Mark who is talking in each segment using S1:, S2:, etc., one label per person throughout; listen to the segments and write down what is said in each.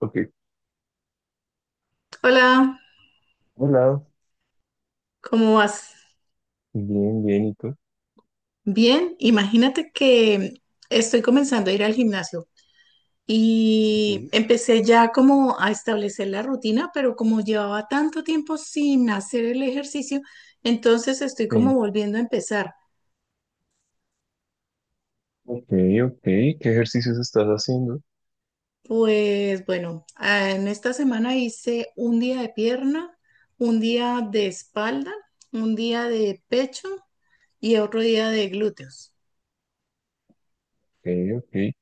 S1: Ok.
S2: Hola,
S1: Hola.
S2: ¿cómo vas?
S1: Bien, bien, ¿y tú?
S2: Bien, imagínate que estoy comenzando a ir al gimnasio y
S1: Ujú.
S2: empecé ya como a establecer la rutina, pero como llevaba tanto tiempo sin hacer el ejercicio, entonces estoy como
S1: Sí.
S2: volviendo a empezar.
S1: Ok, ok. ¿Qué ejercicios estás haciendo? Ok,
S2: Pues bueno, en esta semana hice un día de pierna, un día de espalda, un día de pecho y otro día de glúteos.
S1: ok.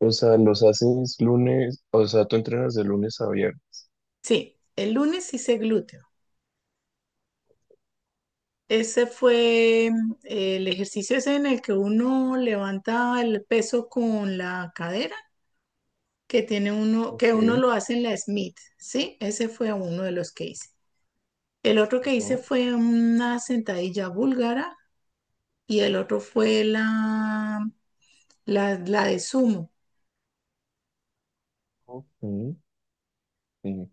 S1: O sea, los haces lunes, o sea, tú entrenas de lunes a viernes.
S2: Sí, el lunes hice glúteos. Ese fue el ejercicio ese en el que uno levanta el peso con la cadera, que tiene uno, que uno
S1: Ok.
S2: lo hace en la Smith, ¿sí? Ese fue uno de los que hice. El otro que
S1: Ajá.
S2: hice fue una sentadilla búlgara y el otro fue la de sumo.
S1: Ok. Sí.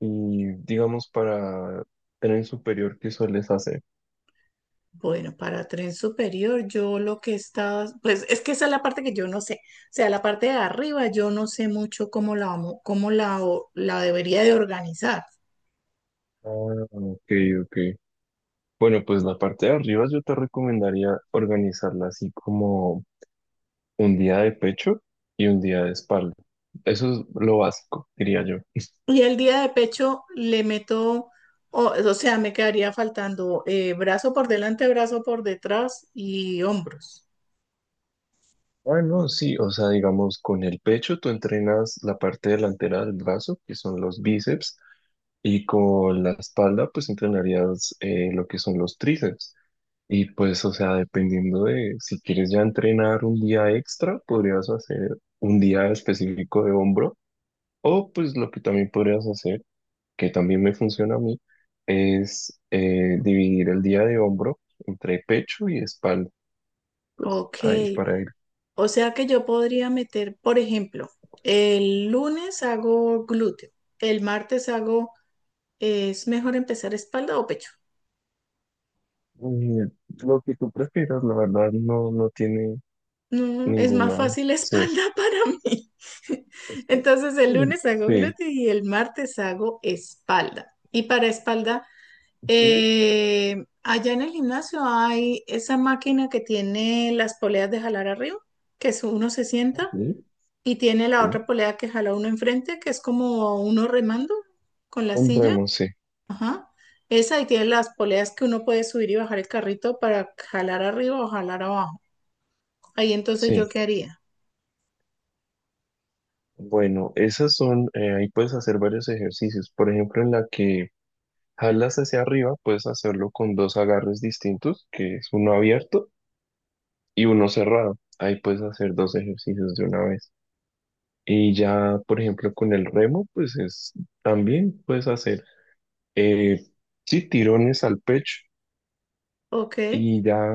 S1: Y digamos para tren superior, ¿qué sueles hacer?
S2: Bueno, para tren superior, yo lo que estaba, pues es que esa es la parte que yo no sé. O sea, la parte de arriba, yo no sé mucho cómo la, vamo- cómo la, o- la debería de organizar.
S1: Ah, ok, ok. Bueno, pues la parte de arriba yo te recomendaría organizarla así como un día de pecho y un día de espalda. Eso es lo básico, diría yo.
S2: Y el día de pecho le meto, o sea, me quedaría faltando brazo por delante, brazo por detrás y hombros.
S1: Bueno, sí, o sea, digamos, con el pecho tú entrenas la parte delantera del brazo, que son los bíceps, y con la espalda, pues entrenarías lo que son los tríceps. Y pues, o sea, dependiendo de si quieres ya entrenar un día extra, podrías hacer un día específico de hombro, o pues lo que también podrías hacer, que también me funciona a mí, es dividir el día de hombro entre pecho y espalda. Pues
S2: Ok,
S1: ahí para ir
S2: o sea que yo podría meter, por ejemplo, el lunes hago glúteo, el martes hago, ¿es mejor empezar espalda o pecho?
S1: Eh, lo que tú prefieras, la verdad, no, no tiene
S2: No, es más
S1: ninguna.
S2: fácil
S1: Sí.
S2: espalda para mí.
S1: Está-
S2: Entonces el
S1: Sí.
S2: lunes hago
S1: Sí.
S2: glúteo y el martes hago espalda. Y para espalda.
S1: Ujú.
S2: Allá en el gimnasio hay esa máquina que tiene las poleas de jalar arriba, que es uno se sienta
S1: Sí.
S2: y tiene la otra
S1: Sí.
S2: polea que jala uno enfrente, que es como uno remando con la silla.
S1: Compremos, sí.
S2: Ajá. Esa y tiene las poleas que uno puede subir y bajar el carrito para jalar arriba o jalar abajo. Ahí entonces yo
S1: Sí.
S2: qué haría.
S1: Bueno, esas son, ahí puedes hacer varios ejercicios. Por ejemplo, en la que jalas hacia arriba, puedes hacerlo con dos agarres distintos, que es uno abierto y uno cerrado. Ahí puedes hacer dos ejercicios de una vez. Y ya, por ejemplo, con el remo, pues es, también puedes hacer. Eh, sí, tirones al pecho.
S2: Ok.
S1: Y ya,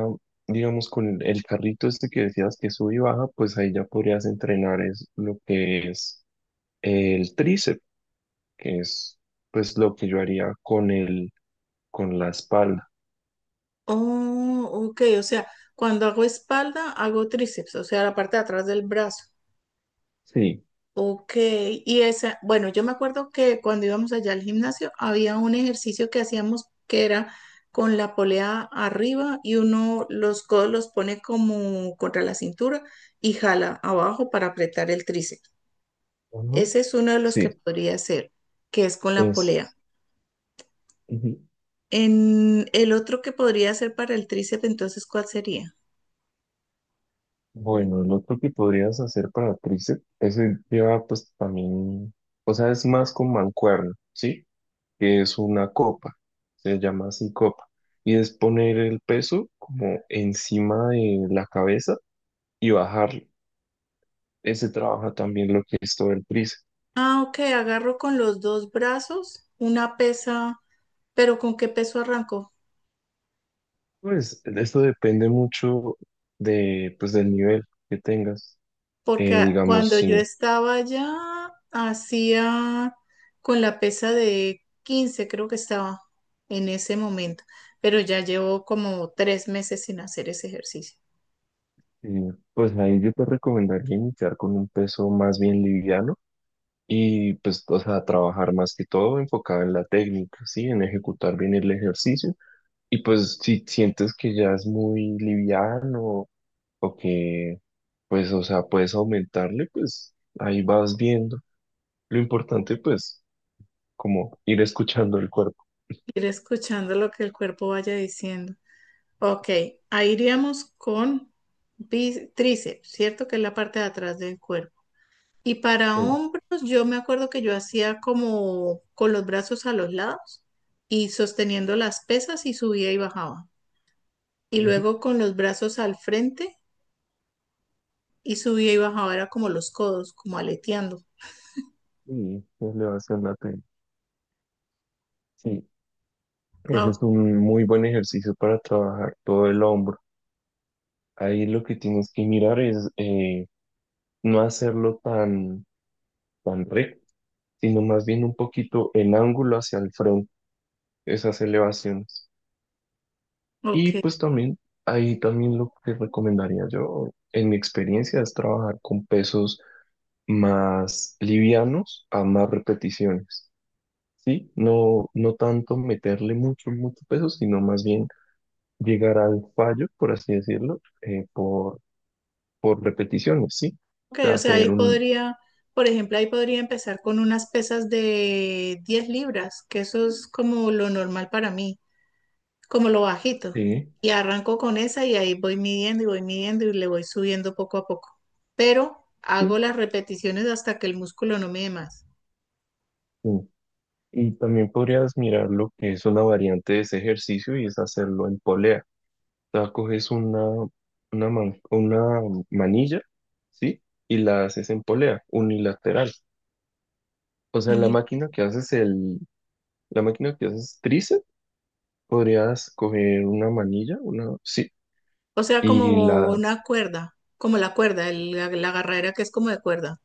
S1: digamos, con el carrito este que decías que sube y baja, pues ahí ya podrías entrenar es lo que es el tríceps, que es pues lo que yo haría con el, con la espalda.
S2: Oh, ok. O sea, cuando hago espalda, hago tríceps, o sea, la parte de atrás del brazo.
S1: Sí.
S2: Ok, y esa, bueno, yo me acuerdo que cuando íbamos allá al gimnasio había un ejercicio que hacíamos que era con la polea arriba y uno los codos los pone como contra la cintura y jala abajo para apretar el tríceps.
S1: Ujú.
S2: Ese es uno de los que
S1: Sí,
S2: podría hacer, que es con la
S1: es.
S2: polea.
S1: Ujú.
S2: En el otro que podría ser para el tríceps, entonces, ¿cuál sería?
S1: Bueno, el otro que podrías hacer para tríceps, ese lleva pues también, o sea, es más con mancuerna, ¿sí? Que es una copa, se llama así copa, y es poner el peso como encima de la cabeza y bajarlo. Ese trabaja también lo que es todo el tríceps.
S2: Ah, ok, agarro con los dos brazos una pesa, pero ¿con qué peso arranco?
S1: Pues esto depende mucho de, pues, del nivel que tengas.
S2: Porque
S1: Eh, digamos,
S2: cuando yo
S1: sí,
S2: estaba allá, hacía con la pesa de 15 creo que estaba en ese momento, pero ya llevo como 3 meses sin hacer ese ejercicio.
S1: pues ahí yo te recomendaría iniciar con un peso más bien liviano y pues, o sea, trabajar más que todo enfocado en la técnica, ¿sí? En ejecutar bien el ejercicio. Y pues si sientes que ya es muy liviano o que pues o sea puedes aumentarle, pues ahí vas viendo. Lo importante pues como ir escuchando el cuerpo.
S2: Ir escuchando lo que el cuerpo vaya diciendo. Ok, ahí iríamos con tríceps, ¿cierto? Que es la parte de atrás del cuerpo. Y para
S1: eh,
S2: hombros, yo me acuerdo que yo hacía como con los brazos a los lados y sosteniendo las pesas y subía y bajaba. Y
S1: Ujú.
S2: luego con los brazos al frente y subía y bajaba, era como los codos, como aleteando.
S1: Y elevación lateral. Sí, ese
S2: Ah,
S1: es un muy buen ejercicio para trabajar todo el hombro. Ahí lo que tienes que mirar es no hacerlo tan, tan recto, sino más bien un poquito en ángulo hacia el frente, esas elevaciones.
S2: ok,
S1: Y pues también, ahí también lo que recomendaría yo, en mi experiencia, es trabajar con pesos más livianos a más repeticiones, ¿sí? No, no tanto meterle mucho, mucho peso, sino más bien llegar al fallo, por así decirlo, por repeticiones, ¿sí?
S2: ok,
S1: O
S2: o sea,
S1: hacer
S2: ahí
S1: un...
S2: podría, por ejemplo, ahí podría empezar con unas pesas de 10 libras, que eso es como lo normal para mí. Como lo bajito.
S1: Sí,
S2: Y arranco con esa y ahí voy midiendo y le voy subiendo poco a poco. Pero hago
S1: sí,
S2: las repeticiones hasta que el músculo no me dé más.
S1: sí. Y también podrías mirar lo que es una variante de ese ejercicio y es hacerlo en polea. Sea, coges una manilla, ¿sí? Y la haces en polea, unilateral. O sea, la
S2: Mm.
S1: máquina que haces el, la máquina que haces tríceps, podrías coger una manilla, una, sí,
S2: O sea,
S1: y
S2: como
S1: la,
S2: una cuerda, como la cuerda, la agarradera que es como de cuerda.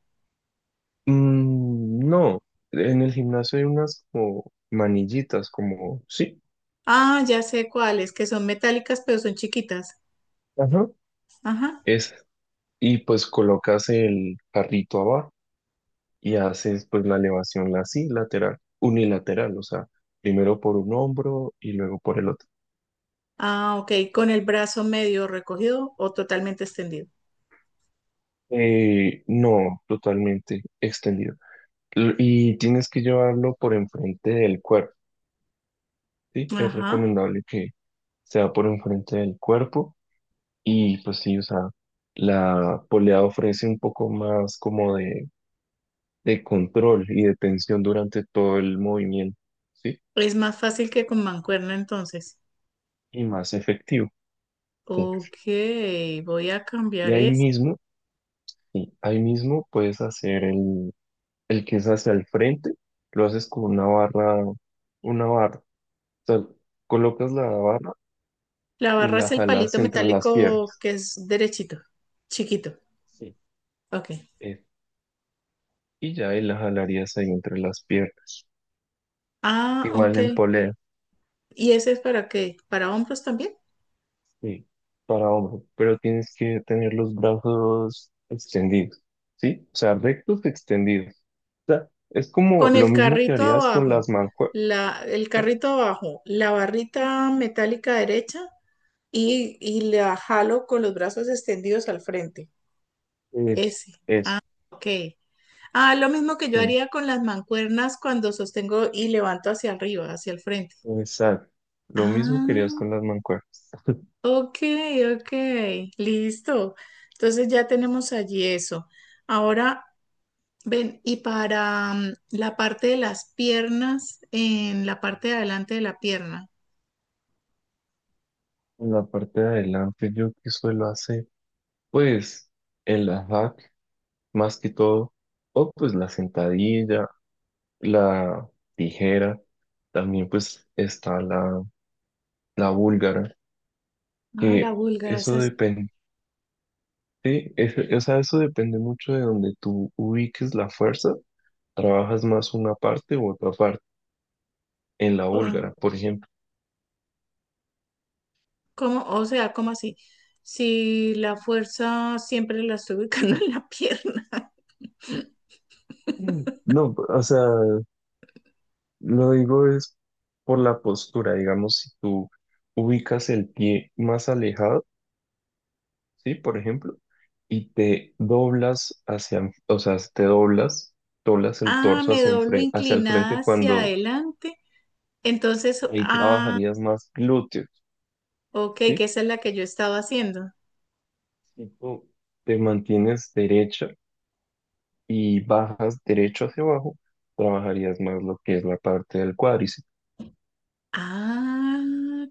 S1: no, en el gimnasio hay unas como manillitas, como, sí,
S2: Ah, ya sé cuáles, que son metálicas pero son chiquitas.
S1: ajá,
S2: Ajá.
S1: es, y pues colocas el carrito abajo. Y haces pues la elevación así, lateral, unilateral, o sea, primero por un hombro y luego por el otro.
S2: Ah, ok, con el brazo medio recogido o totalmente extendido.
S1: No, totalmente extendido. Y tienes que llevarlo por enfrente del cuerpo, ¿sí? Es
S2: Ajá.
S1: recomendable que sea por enfrente del cuerpo y pues sí, o sea, la polea ofrece un poco más como de control y de tensión durante todo el movimiento, ¿sí?
S2: Es más fácil que con mancuerna entonces.
S1: Y más efectivo. ¿Sí?
S2: Ok, voy a
S1: Y
S2: cambiar
S1: ahí
S2: eso.
S1: mismo. Sí, ahí mismo puedes hacer el que es hacia el frente, lo haces con una barra, una barra. O sea, colocas la barra
S2: La
S1: y
S2: barra es
S1: la
S2: el palito
S1: jalas entre las
S2: metálico
S1: piernas.
S2: que es derechito, chiquito.
S1: Sí.
S2: Ok.
S1: Eh, y ya ahí la jalarías ahí entre las piernas.
S2: Ah,
S1: Igual
S2: ok.
S1: en polea,
S2: ¿Y ese es para qué? ¿Para hombros también?
S1: sí, para hombro, pero tienes que tener los brazos extendidos, ¿sí? O sea, rectos extendidos. O sea, es como
S2: Con
S1: lo
S2: el
S1: mismo que
S2: carrito
S1: harías con
S2: abajo,
S1: las mancuernas,
S2: la, el
S1: ¿no?
S2: carrito abajo, la barrita metálica derecha y la jalo con los brazos extendidos al frente.
S1: Es,
S2: Ese.
S1: es.
S2: Ok. Ah, lo mismo que yo
S1: Sí.
S2: haría con las mancuernas cuando sostengo y levanto hacia arriba, hacia el frente.
S1: Exacto. Lo mismo querías
S2: Ah.
S1: con las mancuernas.
S2: Ok, ok, listo. Entonces ya tenemos allí eso. Ahora, ven, y para la parte de las piernas, en la parte de adelante de la pierna.
S1: En la parte de adelante yo que suelo hacer, pues el hack más que todo, o pues la sentadilla, la tijera, también pues está la búlgara,
S2: Ah, la
S1: que
S2: búlgara, esa
S1: eso
S2: es,
S1: depende, sí, o sea, eso depende mucho de donde tú ubiques la fuerza, trabajas más una parte u otra parte, en la
S2: ah,
S1: búlgara, por ejemplo.
S2: ¿cómo? O sea, ¿cómo así? Si la fuerza siempre la estoy ubicando en la pierna.
S1: Mm. No, o sea, lo digo es por la postura, digamos, si tú ubicas el pie más alejado, ¿sí? Por ejemplo, y te doblas hacia, o sea, te doblas, doblas el
S2: Ah,
S1: torso
S2: me
S1: hacia,
S2: doblo
S1: hacia el
S2: inclinada
S1: frente
S2: hacia
S1: cuando
S2: adelante. Entonces,
S1: ahí
S2: ah,
S1: trabajarías más glúteos,
S2: ok, que
S1: ¿sí?
S2: esa es la que yo estaba haciendo.
S1: Si tú te mantienes derecha y bajas derecho hacia abajo, trabajarías más lo que es la parte del cuádriceps.
S2: Ah,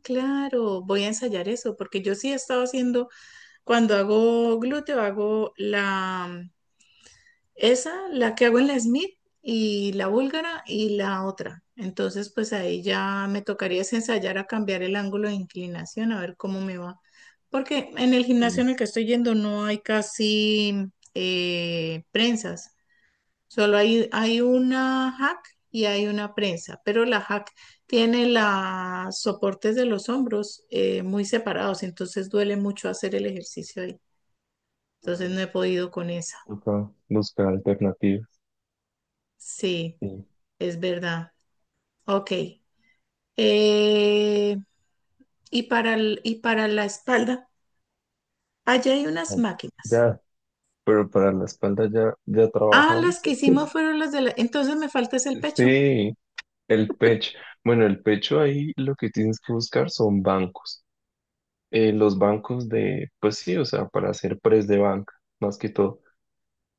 S2: claro, voy a ensayar eso, porque yo sí he estado haciendo, cuando hago glúteo, hago la, esa, la que hago en la Smith y la búlgara y la otra. Entonces, pues ahí ya me tocaría es ensayar a cambiar el ángulo de inclinación, a ver cómo me va. Porque en el gimnasio
S1: Sí.
S2: en el que estoy yendo no hay casi prensas. Solo hay una hack y hay una prensa, pero la hack tiene los soportes de los hombros muy separados, entonces duele mucho hacer el ejercicio ahí. Entonces
S1: Ah,
S2: no he podido con esa.
S1: toca buscar alternativas.
S2: Sí,
S1: Sí.
S2: es verdad. Ok. Eh, y para el- y para la espalda, allá hay unas máquinas.
S1: Ya. Pero para la espalda ya, ya
S2: Ah, las
S1: trabajamos.
S2: que
S1: Esto.
S2: hicimos fueron las de la. Entonces me falta es el pecho.
S1: Sí, el pecho. Bueno, el pecho ahí lo que tienes que buscar son bancos. Los bancos de, pues sí, o sea, para hacer press de banca, más que todo.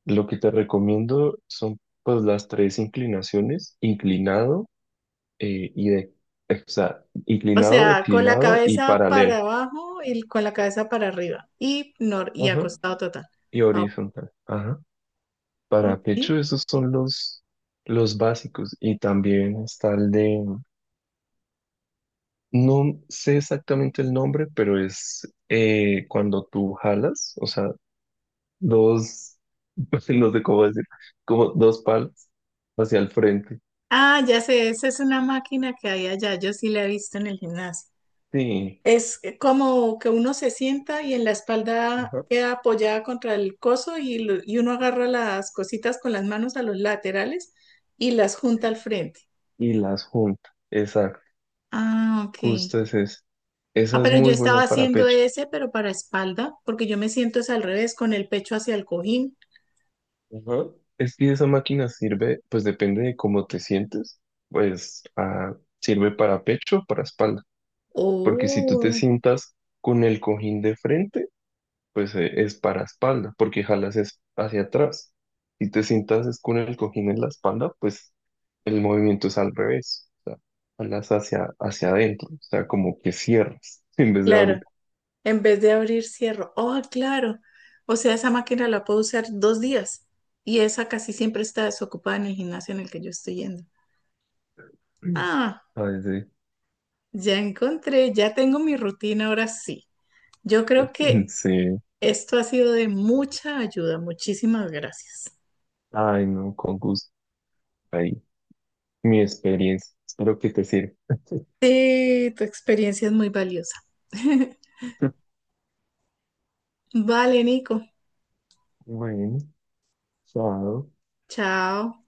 S1: Lo que te recomiendo son pues las tres inclinaciones, inclinado eh, y de, o sea,
S2: O
S1: inclinado,
S2: sea, con la
S1: declinado y
S2: cabeza
S1: paralelo.
S2: para abajo y con la cabeza para arriba. Y, nor y
S1: Ajá.
S2: acostado total.
S1: Y
S2: Ah, Ok.
S1: horizontal. Ajá. Para
S2: Ok.
S1: pecho, esos son los básicos. Y también está el de... No sé exactamente el nombre, pero es cuando tú jalas, o sea, dos, no sé cómo decir, como dos palas hacia el frente.
S2: Ah, ya sé, esa es una máquina que hay allá. Yo sí la he visto en el gimnasio.
S1: Sí,
S2: Es como que uno se sienta y en la espalda
S1: ajá.
S2: queda apoyada contra el coso y uno agarra las cositas con las manos a los laterales y las junta
S1: Sí.
S2: al frente.
S1: Y las juntas. Exacto,
S2: Ah, ok.
S1: justo es esa.
S2: Ah,
S1: Esa es
S2: pero yo
S1: muy
S2: estaba
S1: buena para
S2: haciendo
S1: pecho.
S2: ese, pero para espalda, porque yo me siento es al revés, con el pecho hacia el cojín.
S1: Ajá. Es que esa máquina sirve, pues depende de cómo te sientes, pues sirve para pecho o para espalda. Porque si tú te
S2: Oh,
S1: sientas con el cojín de frente, pues es para espalda, porque jalas es hacia atrás. Si te sientas es con el cojín en la espalda, pues el movimiento es al revés, o sea, jalas hacia, hacia adentro, o sea, como que cierras en vez de abrir.
S2: claro. En vez de abrir, cierro. Oh, claro. O sea, esa máquina la puedo usar 2 días. Y esa casi siempre está desocupada en el gimnasio en el que yo estoy yendo. Ah,
S1: Ay, sí.
S2: ya encontré, ya tengo mi rutina ahora sí. Yo creo que
S1: Sí.
S2: esto ha sido de mucha ayuda. Muchísimas gracias.
S1: Ay, no, con gusto. Ahí, mi experiencia. Espero que te sirva.
S2: Sí, tu experiencia es muy valiosa. Vale, Nico.
S1: Bueno, chao.
S2: Chao.